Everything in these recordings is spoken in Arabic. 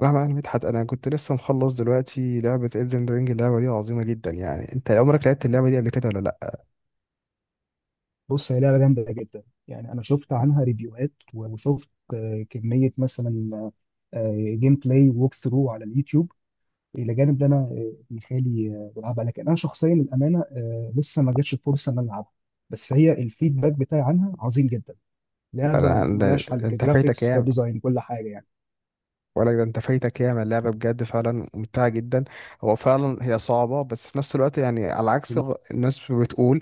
مهما يعني مدحت، انا كنت لسه مخلص دلوقتي لعبة Elden Ring. اللعبة دي عظيمة جدا. يعني انت عمرك لعبت اللعبة دي قبل كده ولا لا؟ بص، هي لعبة جامدة جدا. يعني أنا شفت عنها ريفيوهات، وشفت كمية مثلا جيم بلاي ووك ثرو على اليوتيوب، إلى جانب إن أنا ابن خالي بيلعبها. لكن أنا شخصيا الأمانة لسه ما جاتش الفرصة إن أنا ألعبها. بس هي الفيدباك بتاعي عنها عظيم جدا. لعبة ملهاش حل، انت فايتك كجرافيكس، ايه؟ كديزاين، كل حاجة يعني. ولا ده انت فايتك ياما؟ اللعبة بجد فعلا ممتعة جدا. هو فعلا هي صعبة، بس في نفس الوقت يعني على عكس جميل. الناس بتقول.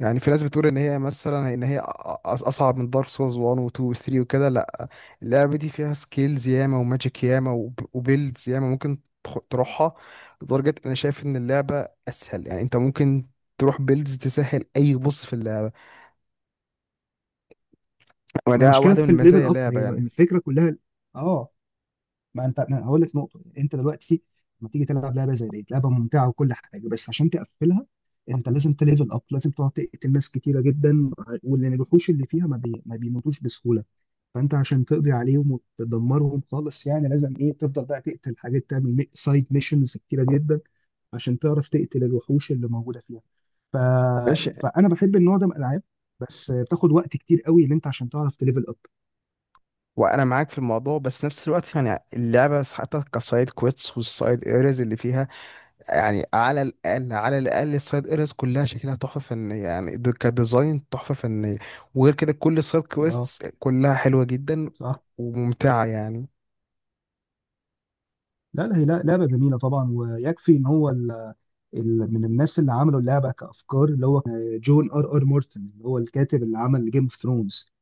يعني في ناس بتقول ان هي مثلا ان هي اصعب من دارك سولز 1 و 2 و 3 وكده. لا، اللعبة دي فيها سكيلز ياما وماجيك ياما وبيلدز ياما. ممكن تروحها، لدرجة انا شايف ان اللعبة اسهل. يعني انت ممكن تروح بيلدز تسهل. اي، بص في اللعبة، ما هي وده مشكلة واحدة في من الليفل مزايا أب، اللعبة هي يعني. الفكرة كلها. آه. ما انت أنا هقول لك نقطه، انت دلوقتي لما تيجي تلعب لعبه زي دي، لعبه ممتعه وكل حاجه، بس عشان تقفلها انت لازم تليفل اب، لازم تقعد تقتل ناس كتيره جدا. واللي الوحوش اللي فيها ما بيموتوش بسهوله. فانت عشان تقضي عليهم وتدمرهم خالص، يعني لازم ايه تفضل بقى تقتل حاجات، تعمل سايد ميشنز كتيره جدا عشان تعرف تقتل الوحوش اللي موجوده فيها. ف... ماشي. فانا بحب النوع ده من الالعاب. بس بتاخد وقت كتير قوي ان انت عشان تعرف تليفل اب. وانا معاك في الموضوع، بس نفس الوقت يعني اللعبه حتى كسايد كويتس والسايد ايريز اللي فيها، يعني على الاقل على الاقل السايد ايريز كلها شكلها تحفه فنيه. يعني كديزاين تحفه فنيه. وغير كده كل السايد اه. كويتس كلها حلوه جدا صح. وممتعه يعني. لا، هي لا- لعبه جميله طبعا، ويكفي ان هو من الناس اللي عملوا اللعبه كافكار، اللي هو جون ار ار مورتن، اللي هو الكاتب اللي عمل جيم اوف ثرونز.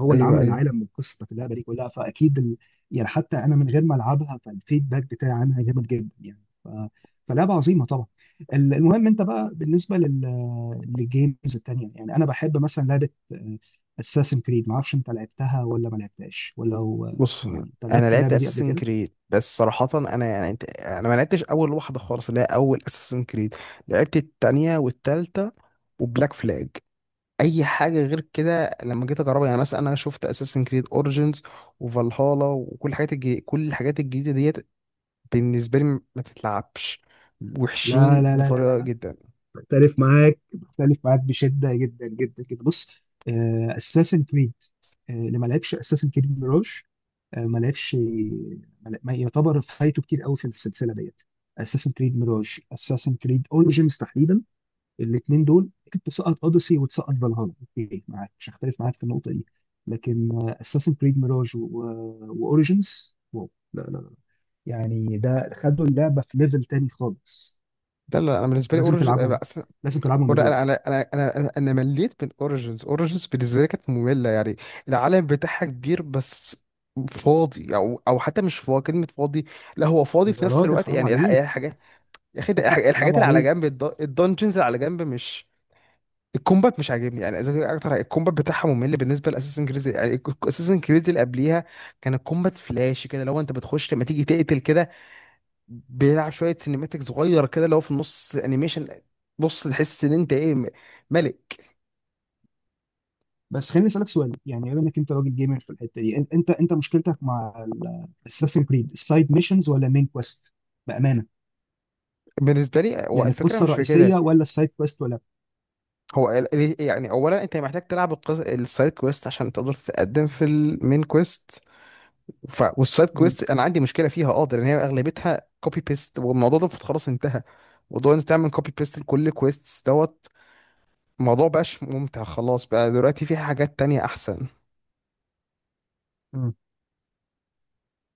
هو اللي ايوه، عمل ايوه. العالم والقصه بتاعت اللعبه دي كلها، فاكيد يعني حتى انا من غير ما العبها فالفيدباك بتاعي عنها جامد جدا يعني فلعبه عظيمه طبعا. المهم انت بقى بالنسبه للجيمز التانيه، يعني انا بحب مثلا لعبه اساسن كريد. ما اعرفش انت لعبتها ولا ما لعبتهاش ولا هو، بص، يعني انت انا لعبت لعبت اللعبه دي قبل اساسن كده؟ كريد، بس صراحه انا يعني انا ما لعبتش اول واحده خالص اللي هي اول اساسن كريد. لعبت التانية والتالتة وبلاك فلاج. اي حاجه غير كده لما جيت اجربها، يعني مثلا انا شفت اساسن كريد اوريجينز وفالهالا وكل الحاجات الجديدة. كل الحاجات الجديده ديت بالنسبه لي ما تتلعبش، وحشين لا لا لا لا بطريقه لا جدا. بختلف معاك بشده جدا. بص اساسن كريد، اللي ما لعبش اساسن كريد ميراج، ما لعبش، ما يعتبر فايته كتير قوي في السلسله ديت. اساسن كريد ميراج، اساسن كريد اوريجينز تحديدا، الاثنين دول كنت تسقط اوديسي وتسقط فالهالا، اوكي، معاك، مش هختلف معاك في النقطه دي. لكن اساسن كريد ميراج واوريجينز، واو، لا، يعني ده خدوا اللعبه في ليفل تاني خالص. ده لا، انا بالنسبه لي فلازم اوريجينز تلعبهم. اصلا. لازم تلعبهم يا ضياء. انا انا انا انا انا أنا مليت من اوريجينز. اوريجينز بالنسبه لي كانت ممله يعني، العالم بتاعها كبير بس فاضي. او حتى مش فاضي، كلمه فاضي، لا هو فاضي يا في نفس راجل الوقت. حرام يعني الحاجات عليك يا أخي، ده الحاجات حرام اللي على عليك جنب الدنجنز اللي على جنب مش. الكومبات مش عاجبني، يعني إذا كان اكتر الكومبات بتاعها ممل بالنسبه لاساسن كريز يعني، اساسن كريز اللي قبليها كان الكومبات فلاش كده. لو انت بتخش لما تيجي تقتل كده، بيلعب شويه سينيماتيك صغيره كده، لو في النص انيميشن، بص تحس ان انت ايه، ملك. بس خليني اسالك سؤال، يعني بما انك انت راجل جيمر في الحته دي، انت مشكلتك مع الاساسن كريد، السايد ميشنز ولا المين كويست؟ بامانه، بالنسبه لي هو يعني الفكره القصه مش في الرئيسيه كده. ولا السايد كويست ولا؟ هو يعني اولا انت محتاج تلعب السايد كويست عشان تقدر تتقدم في المين كويست. والسايد مم. كويست انا عندي مشكله فيها، اه ده، لان هي اغلبيتها كوبي بيست، والموضوع ده المفروض خلاص انتهى. موضوع انك تعمل كوبي بيست لكل كويست دوت، الموضوع بقاش ممتع. خلاص بقى، دلوقتي في حاجات تانية احسن. مم.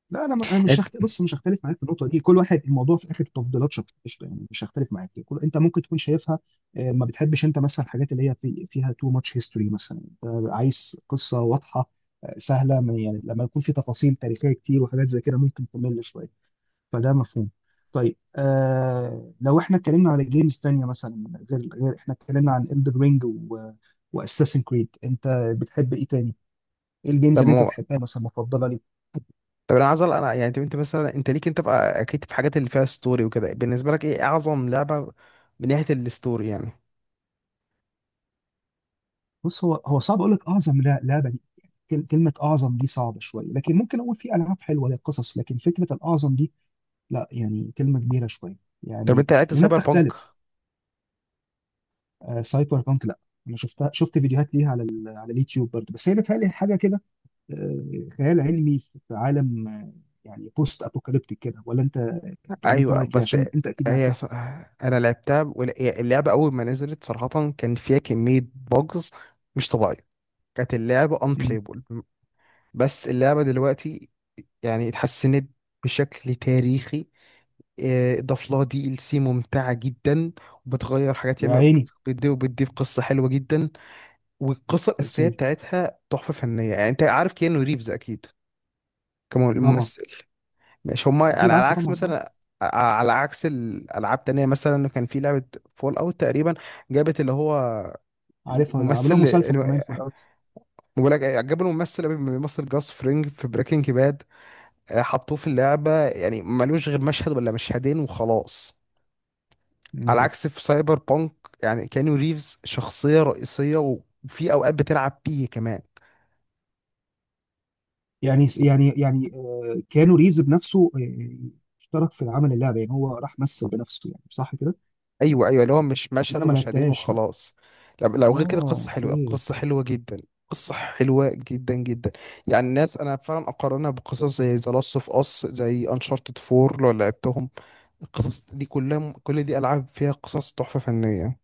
لا انا انا مش انت. هخت... بص، مش هختلف معاك في النقطه دي. كل واحد الموضوع في اخر تفضيلات شخصيه، قشطة، يعني مش هختلف معاك. انت ممكن تكون شايفها ما بتحبش انت مثلا الحاجات اللي هي فيها تو ماتش هيستوري مثلا. انت عايز قصه واضحه سهله، يعني لما يكون في تفاصيل تاريخيه كتير وحاجات زي كده ممكن تمل شويه، فده مفهوم. طيب آه، لو احنا اتكلمنا على جيمز تانية مثلا، غير احنا اتكلمنا عن Elden Ring و واساسن كريد، انت بتحب ايه تاني؟ ايه الجيمز طب اللي انت ما بتحبها مثلا مفضله ليك؟ طب انا عايز انا يعني انت أنت مثلا انت ليك، انت بقى اكيد في حاجات اللي فيها ستوري وكده. بالنسبه لك ايه اعظم لعبه من ناحيه الستوري يعني؟ بص، هو صعب اقول لك اعظم لعبه دي. يعني كلمه اعظم دي صعبه شويه، لكن ممكن اقول في العاب حلوه ليها قصص. لكن فكره الاعظم دي لا، يعني كلمه كبيره شويه. طب يعني انت لعبت لانها سايبر بانك؟ بتختلف. آه، سايبر بانك، لا، انا شفتها، شفت فيديوهات ليها على على اليوتيوب برضه، بس هي بتهيألي حاجه كده خيال علمي في عالم، يعني بوست ابوكاليبتيك كده. ولا انت، ولا انت ايوه رايك ايه، بس عشان انت اكيد هي لعبتها. ص- انا لعبتها. هي اللعبه اول ما نزلت صراحه كان فيها كميه بوجز مش طبيعيه. كانت اللعبة امم unplayable. بس اللعبة دلوقتي يعني اتحسنت بشكل تاريخي. اضاف لها دي ال سي ممتعة جدا، وبتغير حاجات يا ياما. عيني. بتضيف قصة حلوة جدا. والقصة يا الأساسية سيدي. بتاعتها تحفة فنية. يعني أنت عارف كيانو ريفز أكيد طبعا. كممثل. مش هما، يعني اكيد على عارفه عكس طبعا، اه. مثلا، ع- على عكس الألعاب تانية، مثلا كان في لعبة فول أوت تقريبا، جابت اللي هو عارفها، لا، عملوها الممثل، مسلسل كمان في الاول. ولا عجبني الممثل قوي، بيمثل جاس فرينج في بريكنج باد، حطوه في اللعبة يعني ملوش غير مشهد ولا مشهدين وخلاص. على مم. عكس في سايبر بانك، يعني كانيو ريفز شخصية رئيسية، وفي أوقات بتلعب بيه كمان. يعني كانوا ريفز بنفسه، اشترك في عمل اللعبه، يعني هو راح مثل بنفسه، يعني صح كده. أيوه، أيوه، اللي هو مش بس مشهد انا ما ومشهدين لعبتهاش، لا. وخلاص. لو غير كده اه، قصة حلوة. اوكي. قصة حلوة جدا. قصة حلوة جدا جدا. يعني الناس، أنا فعلا أقارنها بقصص زي ذا لاست أوف أس، زي أنشارتد 4 لو لعبتهم. القصص دي كلها، كل دي ألعاب فيها قصص تحفة فنية.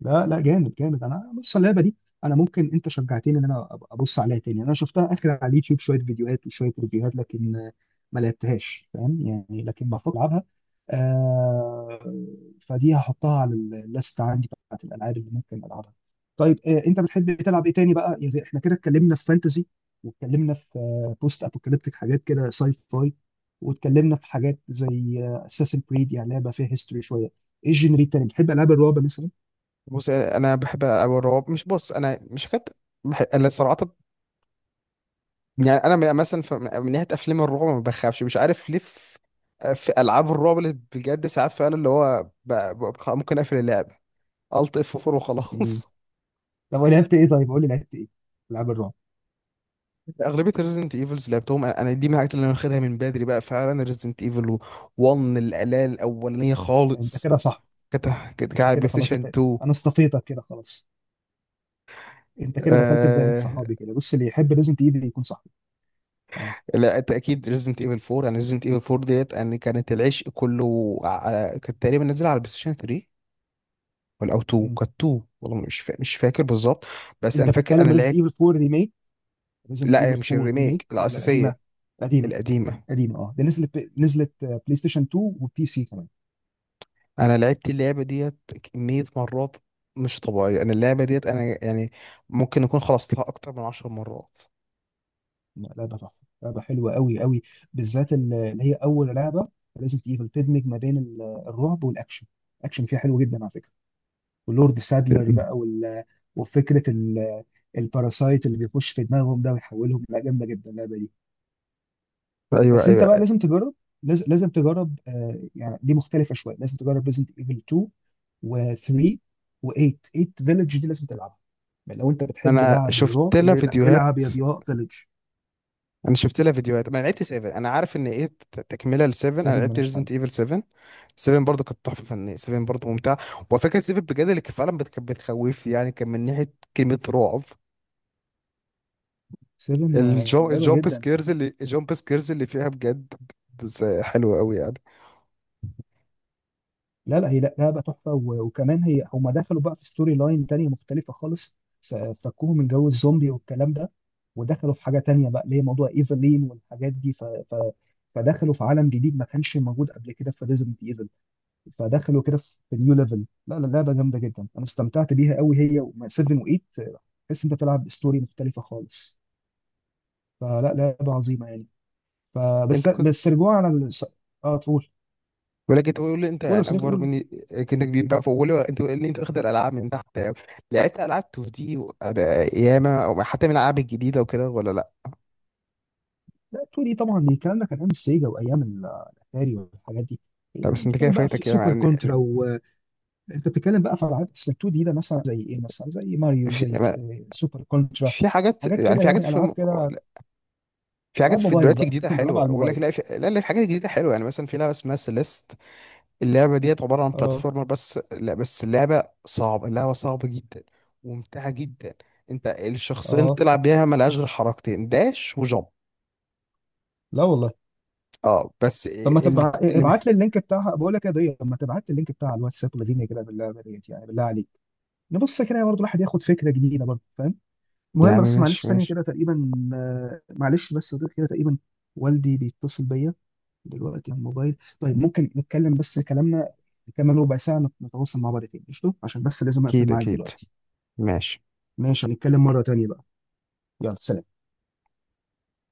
لا، جامد جامد. انا بص اللعبه دي، انا ممكن انت شجعتني ان انا أبقى ابص عليها تاني. انا شفتها اخر على اليوتيوب شويه فيديوهات وشويه ريفيوهات، لكن ما لعبتهاش فاهم يعني، لكن بفكر العبها. آه. فدي هحطها على الليست عندي بتاعت الالعاب اللي ممكن العبها. طيب آه، انت بتحب تلعب ايه تاني بقى؟ يعني احنا كده اتكلمنا في فانتزي، واتكلمنا في بوست ابوكاليبتيك حاجات كده ساي فاي، واتكلمنا في حاجات زي اساسن كريد، يعني لعبه فيها هيستوري شويه. ايه الجنري التاني، بتحب العاب الرعب مثلا؟ بص انا بحب أو الرعب مش، بص انا مش هكت. بحب انا صراحه. يعني انا مثلا من ناحيه افلام الرعب ما بخافش، مش عارف ليه. في العاب الرعب، اللي بجد ساعات فعلا اللي هو ممكن اقفل اللعب، الت اف 4 وخلاص. طب لعبت ايه، طيب قول لي لعبت ايه العاب الرعب. اغلبيه ريزنت ايفلز لعبتهم انا. دي من الحاجات اللي انا واخدها من بدري بقى، فعلا ريزنت ايفل 1 الاله الاولانيه انت خالص. كده صح، كانت كانت انت على بلاي كده خلاص. انت ستيشن 2. انا اصطفيتك كده خلاص، انت كده دخلت في دايره صحابي. كده بص، اللي يحب ريزنت ايفل يكون صاحبي. اه. لا انت اكيد ريزنت ايفل 4، يعني ريزنت ايفل 4 ديت يعني كانت العشق كله. كانت تقريبا نازله على البلاي ستيشن 3، ولا 2. مم. كانت 2 والله، مش فاكر بالظبط. بس انت انا فاكر انا بتتكلم ريزنت لعبت. ايفل 4 ريميك، ريزنت لا، هي ايفل مش 4 ريميك الريميك ولا القديمه؟ الاساسيه. قديمه. القديمه. قديمه، اه، دي نزلت، نزلت بلاي ستيشن 2 وبي سي كمان. انا لعبت اللعبه ديت كميه مرات مش طبيعيه. انا اللعبه ديت انا يعني ممكن اكون خلصتها اكتر من 10 مرات. لا، لعبه تحفه. لعبه حلوه قوي قوي. بالذات اللي هي اول لعبه ريزنت ايفل، تدمج ما بين الرعب والاكشن. الاكشن فيها حلو جدا على فكره. ولورد سادلر بقى وفكره الباراسايت اللي بيخش في دماغهم ده ويحولهم، لا جامده جدا اللعبه دي. ايوه، بس انت بقى ايوه. لازم تجرب، لازم تجرب. آه يعني دي مختلفه شويه، لازم تجرب ريزنت ايفل 2 و3 و8. 8 فيلج دي لازم تلعبها. يعني لو انت بتحب انا لعب شفت الرعب لها لا، فيديوهات العب يا ضياء فيلج انا شفت لها فيديوهات. ما لعبت 7. انا عارف ان ايه تكمله ل 7. انا 7، لعبت ملهاش حل. ريزنت ايفل 7. 7 برضه كانت تحفه فنيه. 7 برضه ممتعه. وفكره 7 بجد، اللي كان فعلا كانت بتخوفني يعني، كان من ناحيه كلمه رعب. 7 الجو، مرعبه جدا. الجامب سكيرز اللي فيها بجد، حلوه قوي يعني. لا هي لا لعبه تحفه، وكمان هي هم دخلوا بقى في ستوري لاين تانية مختلفه خالص. فكوهم من جو الزومبي والكلام ده، ودخلوا في حاجه تانية بقى اللي هي موضوع ايفلين والحاجات دي فدخلوا في عالم جديد ما كانش موجود قبل كده في ريزنت ايفل. فدخلوا كده في نيو ليفل. لا لا لعبه جامده جدا، انا استمتعت بيها قوي، هي و 7 و8. تحس انت بتلعب ستوري مختلفه خالص. فلا لعبه عظيمه يعني. فبس انت كنت، بس رجوعا على اه تقول. ولكن تقول لي انت، قول يا يعني صديقي اكبر قول. مني، كنت كبير بقى، فقول لي انت اللي واخد الالعاب من تحت قوي؟ لعبت العاب 2 دي ياما، او حتى من الالعاب الجديده وكده ولا لا؟ لا 2 دي طبعا، دي الكلام ده كان ايام السيجا وايام الاتاري والحاجات دي. إيه، لا يعني بس انت كده بتتكلم بقى في فايتك ياما سوبر يعني. كونترا وانت بتتكلم بقى في العاب اصل 2 دي، ده مثلا زي ايه، مثلا زي ماريو، في زي سوبر كونترا، في حاجات، حاجات يعني كده في حاجات يعني العاب كده. في حاجات، العاب في موبايل دلوقتي بقى جديده انت العاب حلوه على اقول لك. الموبايل. لا لا، في حاجات جديده حلوه، يعني مثلا في لعبه اسمها سيليست. اللعبه ديت عباره عن اه. بلاتفورمر. بس لا، بس اللعبه صعبه جدا وممتعه جدا. انت الشخصين اه. بتلعب بيها ملهاش غير حركتين، داش وجump. لا والله. اه بس طب ما اللي. ابعت لي اللينك بتاعها، بقول لك يا ضيق، طب ما تبعت لي اللينك بتاع الواتساب ولادينا كده بالله ديت يعني بالله عليك. نبص كده برضه الواحد ياخد فكره جديده برضه، فاهم. يا المهم، عم، بس ماشي معلش ثانيه ماشي. كده تقريبا، معلش بس يا ضيق كده تقريبا، والدي بيتصل بيا دلوقتي على الموبايل. طيب ممكن نتكلم، بس كلامنا كمان ربع ساعة نتواصل مع بعض تاني قشطة، عشان بس لازم أقفل اكيد، معاك اكيد. دلوقتي. ماشي. ماشي، هنتكلم مرة تانية بقى. يلا، سلام.